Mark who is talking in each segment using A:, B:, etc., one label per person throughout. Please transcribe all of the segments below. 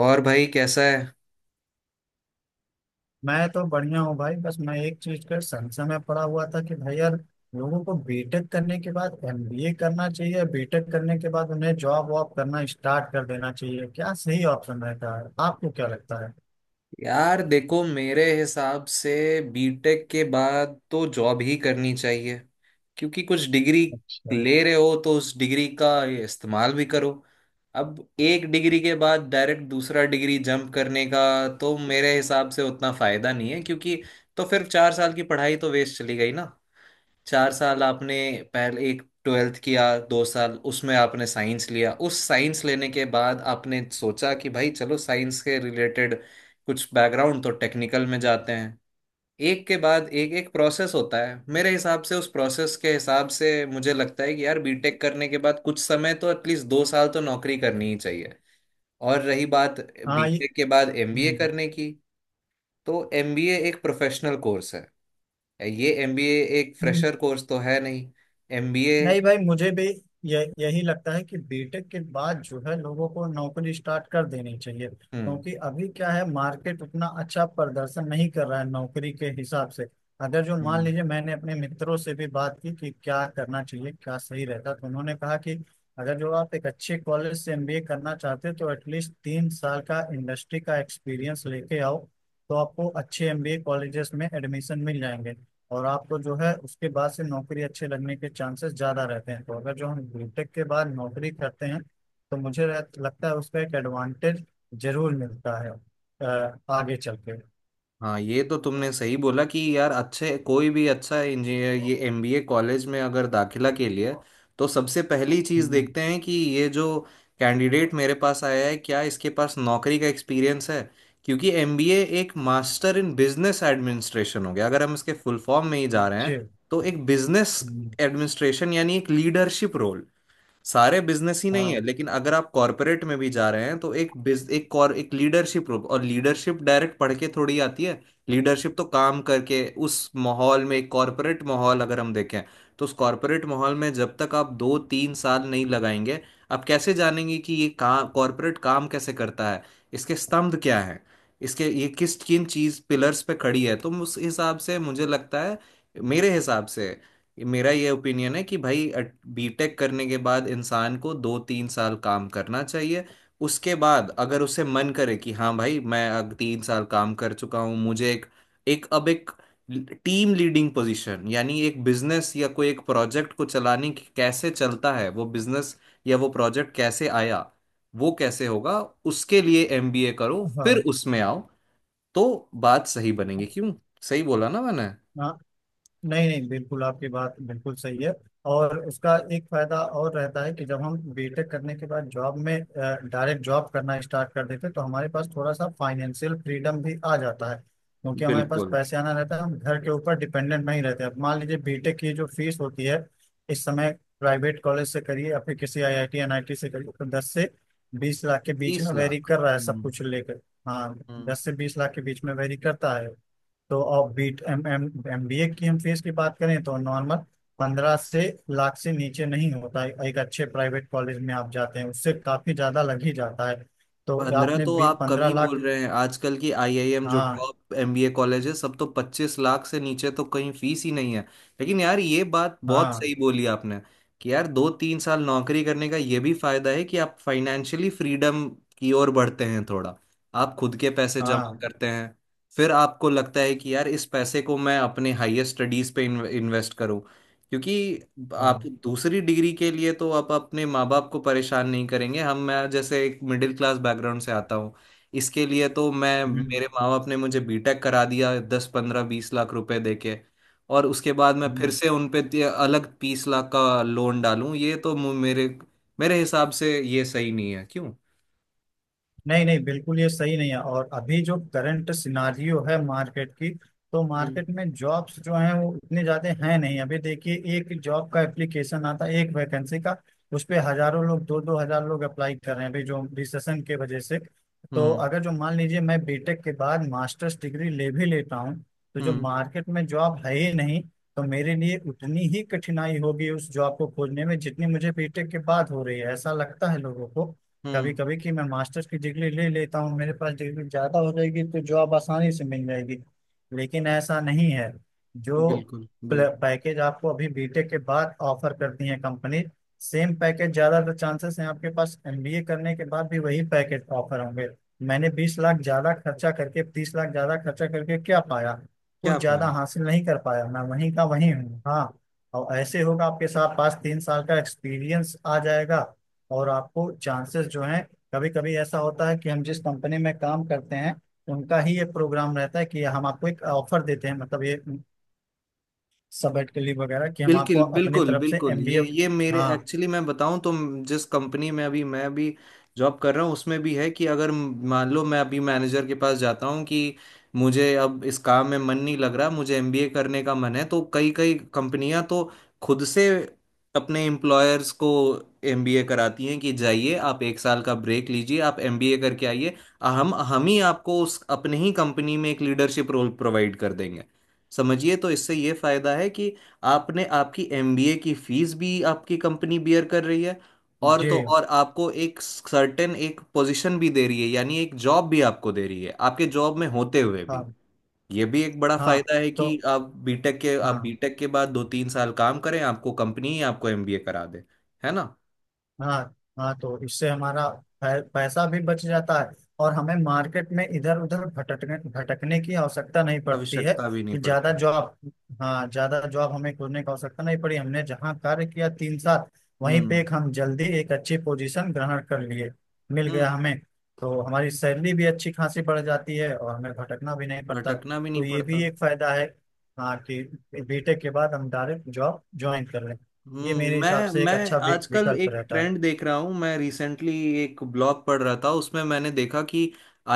A: और भाई कैसा है?
B: मैं तो बढ़िया हूँ भाई। बस मैं एक चीज का संशय में पड़ा हुआ था कि भाई यार लोगों को बीटेक करने के बाद एमबीए करना चाहिए, बीटेक करने के बाद उन्हें जॉब वॉब करना स्टार्ट कर देना चाहिए? क्या सही ऑप्शन रहता है, आपको क्या लगता है?
A: यार देखो मेरे हिसाब से बीटेक के बाद तो जॉब ही करनी चाहिए। क्योंकि कुछ डिग्री
B: अच्छा।
A: ले रहे हो तो उस डिग्री का ये इस्तेमाल भी करो। अब एक डिग्री के बाद डायरेक्ट दूसरा डिग्री जंप करने का तो मेरे हिसाब से उतना फायदा नहीं है, क्योंकि तो फिर 4 साल की पढ़ाई तो वेस्ट चली गई ना। 4 साल आपने पहले एक ट्वेल्थ किया, 2 साल उसमें आपने साइंस लिया। उस साइंस लेने के बाद आपने सोचा कि भाई चलो साइंस के रिलेटेड कुछ बैकग्राउंड तो टेक्निकल में जाते हैं। एक के बाद एक एक प्रोसेस होता है। मेरे हिसाब से उस प्रोसेस के हिसाब से मुझे लगता है कि यार बीटेक करने के बाद कुछ समय तो एटलीस्ट 2 साल तो नौकरी करनी ही चाहिए। और रही बात
B: हाँ ये।
A: बीटेक के बाद एमबीए
B: हम्म।
A: करने की, तो एमबीए एक प्रोफेशनल कोर्स है। ये एमबीए एक फ्रेशर कोर्स तो है नहीं। एमबीए।
B: नहीं भाई, मुझे भी यही लगता है कि बीटेक के बाद जो है लोगों को नौकरी स्टार्ट कर देनी चाहिए,
A: हम्म।
B: क्योंकि अभी क्या है, मार्केट उतना अच्छा प्रदर्शन नहीं कर रहा है नौकरी के हिसाब से। अगर जो मान
A: हम्म।
B: लीजिए, मैंने अपने मित्रों से भी बात की कि क्या करना चाहिए, क्या सही रहता, तो उन्होंने कहा कि अगर जो आप एक अच्छे कॉलेज से एमबीए करना चाहते हो तो एटलीस्ट 3 साल का इंडस्ट्री का एक्सपीरियंस लेके आओ, तो आपको अच्छे एमबीए कॉलेजेस में एडमिशन मिल जाएंगे। और आपको जो है उसके बाद से नौकरी अच्छे लगने के चांसेस ज्यादा रहते हैं। तो अगर जो हम बीटेक के बाद नौकरी करते हैं तो मुझे लगता है उसका एक एडवांटेज जरूर मिलता है आगे चल के।
A: हाँ ये तो तुमने सही बोला कि यार अच्छे कोई भी अच्छा इंजीनियर ये एमबीए कॉलेज में अगर दाखिला के लिए, तो सबसे पहली चीज़
B: हम्म।
A: देखते हैं कि ये जो कैंडिडेट मेरे पास आया है, क्या इसके पास नौकरी का एक्सपीरियंस है। क्योंकि एमबीए एक मास्टर इन बिजनेस एडमिनिस्ट्रेशन हो गया, अगर हम इसके फुल फॉर्म में ही जा रहे
B: जी।
A: हैं तो एक बिजनेस
B: हम्म।
A: एडमिनिस्ट्रेशन यानी एक लीडरशिप रोल। सारे बिजनेस ही नहीं है,
B: हाँ।
A: लेकिन अगर आप कॉरपोरेट में भी जा रहे हैं तो एक बिज एक कॉर एक लीडरशिप, और लीडरशिप डायरेक्ट पढ़ के थोड़ी आती है। लीडरशिप तो काम करके, उस माहौल में, एक कॉरपोरेट माहौल अगर हम देखें तो उस कॉरपोरेट माहौल में जब तक आप 2-3 साल नहीं लगाएंगे, आप कैसे जानेंगे कि ये काम कॉरपोरेट काम कैसे करता है? इसके स्तंभ क्या हैं? इसके ये किस किन चीज पिलर्स पे खड़ी है? तो उस हिसाब से मुझे लगता है, मेरे हिसाब से, मेरा ये ओपिनियन है कि भाई बीटेक करने के बाद इंसान को 2-3 साल काम करना चाहिए। उसके बाद अगर उसे मन करे कि हाँ भाई मैं अब 3 साल काम कर चुका हूँ, मुझे एक एक अब एक टीम लीडिंग पोजीशन यानी एक बिजनेस या कोई एक प्रोजेक्ट को चलाने की, कैसे चलता है वो बिजनेस, या वो प्रोजेक्ट कैसे आया, वो कैसे होगा, उसके लिए एमबीए करो, फिर
B: हाँ।
A: उसमें आओ तो बात सही बनेगी, क्यों? सही बोला ना मैंने?
B: हाँ। नहीं नहीं, बिल्कुल आपकी बात बिल्कुल सही है। और उसका एक फायदा और रहता है कि जब हम बीटेक करने के बाद जॉब में डायरेक्ट जॉब करना स्टार्ट कर देते हैं, तो हमारे पास थोड़ा सा फाइनेंशियल फ्रीडम भी आ जाता है, क्योंकि हमारे पास
A: बिल्कुल।
B: पैसे आना रहता है, हम घर के ऊपर डिपेंडेंट नहीं रहते। अब मान लीजिए, बीटेक की जो फीस होती है इस समय, प्राइवेट कॉलेज से करिए या फिर किसी आईआईटी एनआईटी से करिए, तो 10 से 20 लाख के बीच
A: बीस
B: में वेरी
A: लाख
B: कर रहा है सब कुछ लेकर। हाँ।
A: हम्म।
B: 10 से 20 लाख के बीच में वेरी करता है। तो और B M M M B A की हम फीस की बात करें तो नॉर्मल पंद्रह से लाख से नीचे नहीं होता है, एक अच्छे प्राइवेट कॉलेज में आप जाते हैं उससे काफी ज्यादा लग ही जाता है। तो
A: पंद्रह
B: आपने
A: तो
B: बी
A: आप कम
B: पंद्रह
A: ही बोल
B: लाख
A: रहे हैं। आजकल की आईआईएम जो
B: हाँ।
A: टॉप एमबीए कॉलेज है सब, तो 25 लाख से नीचे तो कहीं फीस ही नहीं है। लेकिन यार ये बात बहुत
B: हाँ।
A: सही बोली आपने कि यार 2-3 साल नौकरी करने का ये भी फायदा है कि आप फाइनेंशियली फ्रीडम की ओर बढ़ते हैं थोड़ा। आप खुद के पैसे जमा
B: हाँ।
A: करते हैं। फिर आपको लगता है कि यार इस पैसे को मैं अपने हाईएस्ट स्टडीज पे इन्वेस्ट करूं। क्योंकि आप
B: हाँ।
A: दूसरी डिग्री के लिए तो आप अपने माँ बाप को परेशान नहीं करेंगे। हम मैं जैसे एक मिडिल क्लास बैकग्राउंड से आता हूँ। इसके लिए तो मैं
B: हम्म।
A: मेरे माँ बाप ने मुझे बीटेक करा दिया दस पंद्रह बीस लाख रुपए देके। और उसके बाद मैं फिर
B: हम्म।
A: से उन पे अलग 30 लाख का लोन डालूं, ये तो मु- मेरे मेरे हिसाब से ये सही नहीं है, क्यों?
B: नहीं नहीं, बिल्कुल ये सही नहीं है। और अभी जो करंट सिनारियो है मार्केट की, तो
A: हम्म।
B: मार्केट में जॉब्स जो हैं वो इतने ज्यादा हैं नहीं। अभी देखिए, एक जॉब का एप्लीकेशन आता है एक वैकेंसी का, उस पे हजारों लोग, 2-2 हजार लोग अप्लाई कर रहे हैं अभी जो रिसेशन के वजह से। तो
A: हम्म।
B: अगर जो मान लीजिए मैं बीटेक के बाद मास्टर्स डिग्री ले भी लेता हूँ, तो जो
A: हम्म।
B: मार्केट में जॉब है ही नहीं, तो मेरे लिए उतनी ही कठिनाई होगी उस जॉब को खोजने में जितनी मुझे बीटेक के बाद हो रही है। ऐसा लगता है लोगों को कभी
A: हम्म।
B: कभी कि मैं मास्टर्स की डिग्री ले लेता हूँ, मेरे पास डिग्री ज्यादा हो जाएगी तो जॉब आसानी से मिल जाएगी, लेकिन ऐसा नहीं है। जो
A: बिल्कुल। बिल्कुल।
B: पैकेज आपको अभी बीटेक के बाद ऑफर करती है कंपनी, सेम पैकेज ज्यादातर चांसेस हैं आपके पास एमबीए करने के बाद भी वही पैकेज ऑफर होंगे। मैंने 20 लाख ज्यादा खर्चा करके, 30 लाख ज्यादा खर्चा करके क्या पाया? कुछ
A: क्या पाए?
B: ज्यादा हासिल नहीं कर पाया, मैं वहीं का वहीं हूँ। हाँ। और ऐसे होगा, आपके साथ पास 3 साल का एक्सपीरियंस आ जाएगा, और आपको चांसेस जो हैं, कभी कभी ऐसा होता है कि हम जिस कंपनी में काम करते हैं उनका ही ये प्रोग्राम रहता है कि हम आपको एक ऑफर देते हैं, मतलब ये सबेट के लिए वगैरह, कि हम आपको
A: बिल्कुल,
B: अपनी
A: बिल्कुल,
B: तरफ से
A: बिल्कुल,
B: एमबीए।
A: ये मेरे
B: हाँ।
A: एक्चुअली मैं बताऊं तो जिस कंपनी में अभी मैं भी जॉब कर रहा हूं उसमें भी है कि अगर मान लो मैं अभी मैनेजर के पास जाता हूं कि मुझे अब इस काम में मन नहीं लग रहा, मुझे एमबीए करने का मन है, तो कई कई कंपनियां तो खुद से अपने एम्प्लॉयर्स को एमबीए कराती हैं कि जाइए आप एक साल का ब्रेक लीजिए, आप एमबीए करके आइए। हम ही आपको उस अपने ही कंपनी में एक लीडरशिप रोल प्रोवाइड कर देंगे, समझिए। तो इससे ये फायदा है कि आपने आपकी एमबीए की फीस भी आपकी कंपनी बियर कर रही है, और
B: जी।
A: तो और आपको एक सर्टेन एक पोजीशन भी दे रही है, यानी एक जॉब भी आपको दे रही है आपके जॉब में होते हुए भी।
B: हाँ।
A: ये भी एक बड़ा
B: हाँ।
A: फायदा है कि
B: तो।
A: आप
B: हाँ।
A: बीटेक के बाद 2-3 साल काम करें, आपको कंपनी ही आपको एमबीए करा दे, है ना?
B: हाँ। हाँ, तो इससे हमारा पैसा भी बच जाता है, और हमें मार्केट में इधर उधर भटकने भटकने की आवश्यकता नहीं पड़ती है
A: आवश्यकता भी नहीं
B: कि ज्यादा
A: पड़ती।
B: जॉब। हाँ, ज्यादा जॉब हमें खोजने की आवश्यकता नहीं पड़ी, हमने जहाँ कार्य किया 3 साल, वहीं पे
A: हम्म।
B: एक हम जल्दी एक अच्छी पोजीशन ग्रहण कर लिए। मिल गया
A: हम्म।
B: हमें। तो हमारी सैलरी भी अच्छी खासी बढ़ जाती है और हमें भटकना भी नहीं पड़ता,
A: भटकना भी नहीं
B: तो ये
A: पड़ता।
B: भी एक फायदा है। हाँ, कि बीटेक के बाद हम डायरेक्ट जॉब ज्वाइन कर लें। ये मेरे हिसाब
A: मैं
B: से एक
A: मैं
B: अच्छा
A: आजकल
B: विकल्प
A: एक
B: रहता है।
A: ट्रेंड देख रहा हूँ। मैं रिसेंटली एक ब्लॉग पढ़ रहा था, उसमें मैंने देखा कि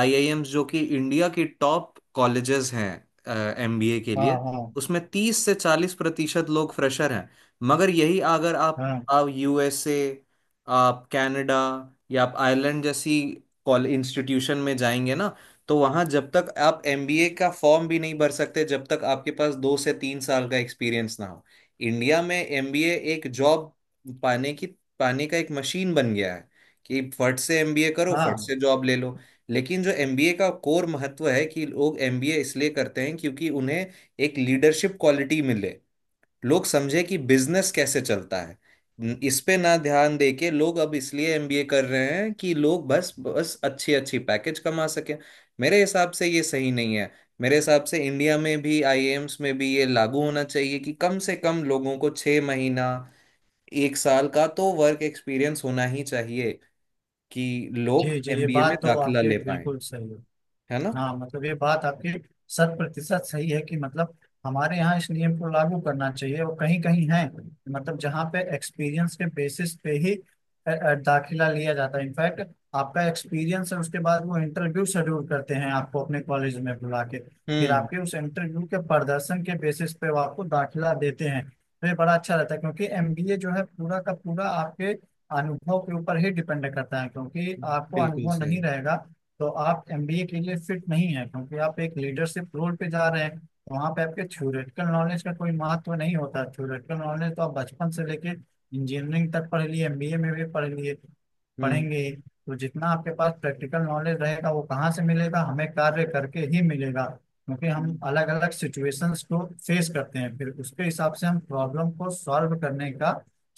A: आईआईएम्स जो कि इंडिया की टॉप कॉलेजेस हैं एमबीए के
B: हाँ।
A: लिए,
B: हाँ।
A: उसमें 30 से 40% लोग फ्रेशर हैं। मगर यही अगर आप
B: हाँ।
A: आप यूएसए, आप कनाडा, या आप आयरलैंड जैसी कॉल इंस्टीट्यूशन में जाएंगे ना, तो वहाँ जब तक आप एमबीए का फॉर्म भी नहीं भर सकते जब तक आपके पास 2 से 3 साल का एक्सपीरियंस ना हो। इंडिया में एमबीए एक जॉब पाने की पाने का एक मशीन बन गया है कि फट से एमबीए करो, फट
B: हाँ।
A: से जॉब ले लो। लेकिन जो एमबीए का कोर महत्व है कि लोग एमबीए इसलिए करते हैं क्योंकि उन्हें एक लीडरशिप क्वालिटी मिले, लोग समझे कि बिजनेस कैसे चलता है। इस पे ना ध्यान दे के लोग अब इसलिए एमबीए कर रहे हैं कि लोग बस बस अच्छी अच्छी पैकेज कमा सकें। मेरे हिसाब से ये सही नहीं है। मेरे हिसाब से इंडिया में भी आईआईएम्स में भी ये लागू होना चाहिए कि कम से कम लोगों को 6 महीना एक साल का तो वर्क एक्सपीरियंस होना ही चाहिए कि लोग
B: जी जी, ये
A: एमबीए में
B: बात तो
A: दाखिला
B: आपके
A: ले पाए,
B: बिल्कुल सही है।
A: है ना?
B: हाँ, मतलब ये बात आपकी शत प्रतिशत सही है कि मतलब हमारे यहाँ इस नियम को लागू करना चाहिए, और कहीं कहीं है, मतलब जहाँ पे एक्सपीरियंस के बेसिस पे ही दाखिला लिया जाता है। इनफैक्ट आपका एक्सपीरियंस है, उसके बाद वो इंटरव्यू शेड्यूल करते हैं आपको अपने कॉलेज में बुला के, फिर
A: हम्म।
B: आपके उस इंटरव्यू के प्रदर्शन के बेसिस पे वो आपको दाखिला देते हैं। तो ये बड़ा अच्छा रहता है, क्योंकि एमबीए जो है पूरा का पूरा आपके अनुभव के ऊपर ही डिपेंड करता है। क्योंकि आपको
A: बिल्कुल
B: अनुभव नहीं
A: सही।
B: रहेगा तो आप एमबीए के लिए फिट नहीं है, क्योंकि आप एक लीडरशिप रोल पे जा रहे हैं, वहां पे आपके थ्योरेटिकल नॉलेज का कोई महत्व नहीं होता। थ्योरेटिकल नॉलेज तो आप बचपन से लेके इंजीनियरिंग तक पढ़ लिए, एमबीए में भी पढ़ लिए,
A: हम्म।
B: पढ़ेंगे ही। तो जितना आपके पास प्रैक्टिकल नॉलेज रहेगा, वो कहाँ से मिलेगा? हमें कार्य करके ही मिलेगा, क्योंकि हम
A: हम्म।
B: अलग अलग सिचुएशंस को फेस करते हैं, फिर उसके हिसाब से हम प्रॉब्लम को सॉल्व करने का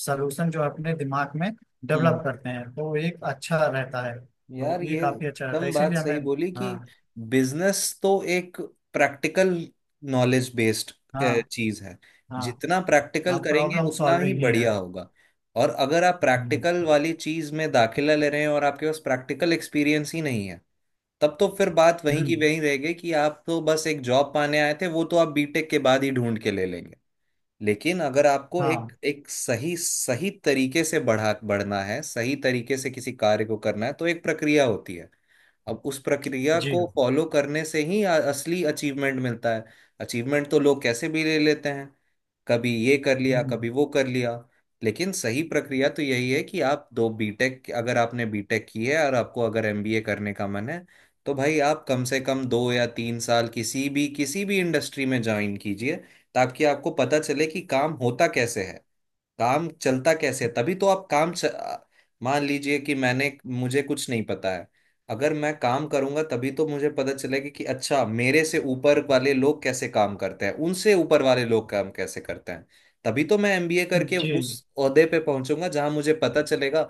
B: सलूशन जो है अपने दिमाग में
A: हम्म।
B: डेवलप करते हैं, तो एक अच्छा रहता है। तो
A: यार
B: ये
A: ये
B: काफी अच्छा रहता है,
A: एकदम
B: तो
A: बात
B: इसीलिए हमें।
A: सही बोली कि
B: हाँ।
A: बिजनेस तो एक प्रैक्टिकल नॉलेज बेस्ड
B: हाँ।
A: चीज है।
B: हाँ।
A: जितना प्रैक्टिकल
B: हाँ,
A: करेंगे
B: प्रॉब्लम
A: उतना ही
B: सॉल्विंग ही है।
A: बढ़िया होगा। और अगर आप प्रैक्टिकल
B: हम्म।
A: वाली चीज में दाखिला ले रहे हैं और आपके पास प्रैक्टिकल एक्सपीरियंस ही नहीं है, तब तो फिर बात वहीं की
B: हम्म,
A: वहीं रह गई कि आप तो बस एक जॉब पाने आए थे, वो तो आप बीटेक के बाद ही ढूंढ के ले लेंगे। लेकिन अगर आपको
B: हाँ।
A: एक एक सही सही तरीके से बढ़ा बढ़ना है, सही तरीके से किसी कार्य को करना है, तो एक प्रक्रिया होती है। अब उस प्रक्रिया
B: जी।
A: को फॉलो करने से ही असली अचीवमेंट मिलता है। अचीवमेंट तो लोग कैसे भी ले लेते हैं, कभी ये कर लिया,
B: हम्म।
A: कभी वो कर लिया। लेकिन सही प्रक्रिया तो यही है कि आप दो बीटेक, अगर आपने बीटेक की है और आपको अगर एमबीए करने का मन है, तो भाई आप कम से कम 2 या 3 साल किसी भी इंडस्ट्री में ज्वाइन कीजिए, ताकि आपको पता चले कि काम होता कैसे है, काम चलता कैसे है? तभी तो आप काम च... आ, मान लीजिए कि मैंने मुझे कुछ नहीं पता है। अगर मैं काम करूंगा तभी तो मुझे पता चलेगा कि अच्छा मेरे से ऊपर वाले लोग कैसे काम करते हैं, उनसे ऊपर वाले लोग काम कैसे करते हैं। तभी तो मैं एमबीए करके उस
B: जी।
A: ओहदे पे पहुंचूंगा जहां मुझे पता चलेगा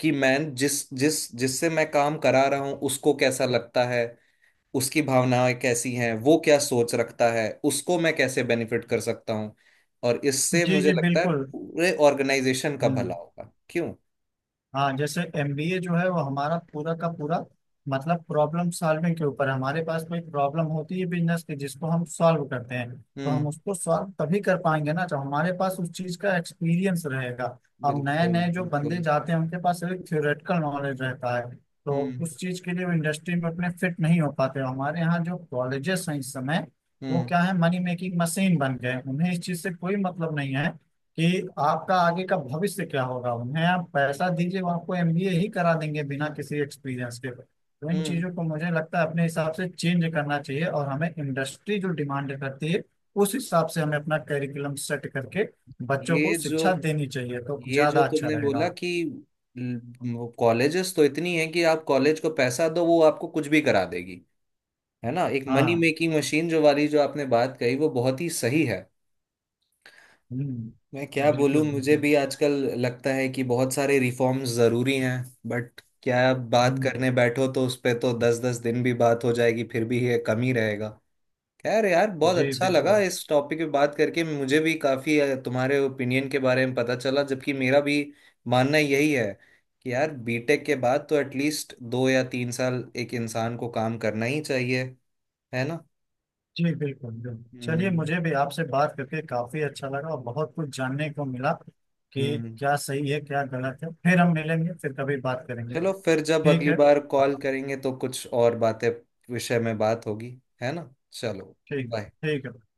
A: कि मैं जिस जिस जिससे मैं काम करा रहा हूं उसको कैसा लगता है, उसकी भावनाएं कैसी हैं, वो क्या सोच रखता है, उसको मैं कैसे बेनिफिट कर सकता हूँ। और इससे
B: जी
A: मुझे
B: जी
A: लगता है
B: बिल्कुल।
A: पूरे ऑर्गेनाइजेशन का भला
B: हम्म।
A: होगा, क्यों?
B: हाँ, जैसे एमबीए जो है वो हमारा पूरा का पूरा मतलब प्रॉब्लम सॉल्विंग के ऊपर है। हमारे पास कोई प्रॉब्लम होती है बिजनेस की जिसको हम सॉल्व करते हैं, तो हम
A: हम्म।
B: उसको सॉल्व तभी कर पाएंगे ना जब हमारे पास उस चीज का एक्सपीरियंस रहेगा। अब नए
A: बिल्कुल
B: नए जो बंदे
A: बिल्कुल।
B: जाते हैं उनके पास सिर्फ थ्योरेटिकल नॉलेज रहता है, तो
A: हम्म।
B: उस चीज के लिए वो इंडस्ट्री में अपने फिट नहीं हो पाते। हमारे यहाँ जो कॉलेजेस हैं इस समय, वो
A: हम्म।
B: क्या है, मनी मेकिंग मशीन बन गए हैं। उन्हें इस चीज से कोई मतलब नहीं है कि आपका आगे का भविष्य क्या होगा, उन्हें आप पैसा दीजिए वो आपको एमबीए ही करा देंगे बिना किसी एक्सपीरियंस के। तो इन
A: हम्म।
B: चीजों को मुझे लगता है अपने हिसाब से चेंज करना चाहिए, और हमें इंडस्ट्री जो डिमांड करती है उस हिसाब से हमें अपना करिकुलम सेट करके बच्चों को
A: ये जो
B: शिक्षा देनी चाहिए, तो
A: ये जो
B: ज्यादा अच्छा
A: तुमने
B: रहेगा।
A: बोला कि कॉलेजेस तो इतनी है कि आप कॉलेज को पैसा दो वो आपको कुछ भी करा देगी, है ना? एक मनी
B: हाँ।
A: मेकिंग मशीन जो वाली जो आपने बात कही, वो बहुत ही सही है।
B: हम्म,
A: मैं क्या
B: बिल्कुल
A: बोलूं, मुझे
B: बिल्कुल।
A: भी आजकल लगता है कि बहुत सारे रिफॉर्म्स जरूरी हैं। बट क्या बात
B: हम्म।
A: करने बैठो तो उस पे तो 10-10 दिन भी बात हो जाएगी फिर भी ये कम ही रहेगा। खैर यार, बहुत
B: जी
A: अच्छा लगा
B: बिल्कुल।
A: इस टॉपिक पे बात करके, मुझे भी काफी तुम्हारे ओपिनियन के बारे में पता चला, जबकि मेरा भी मानना यही है कि यार बीटेक के बाद तो एटलीस्ट 2 या 3 साल एक इंसान को काम करना ही चाहिए, है ना?
B: जी बिल्कुल बिल्कुल, चलिए
A: हम्म।
B: मुझे भी आपसे बात करके काफी अच्छा लगा और बहुत कुछ जानने को मिला कि
A: हम्म।
B: क्या सही है क्या गलत है। फिर हम मिलेंगे, फिर कभी बात करेंगे।
A: चलो, फिर जब
B: ठीक
A: अगली
B: है।
A: बार
B: हाँ।
A: कॉल करेंगे तो कुछ और बातें विषय में बात होगी, है ना? चलो,
B: ठीक है,
A: बाय।
B: ठीक है।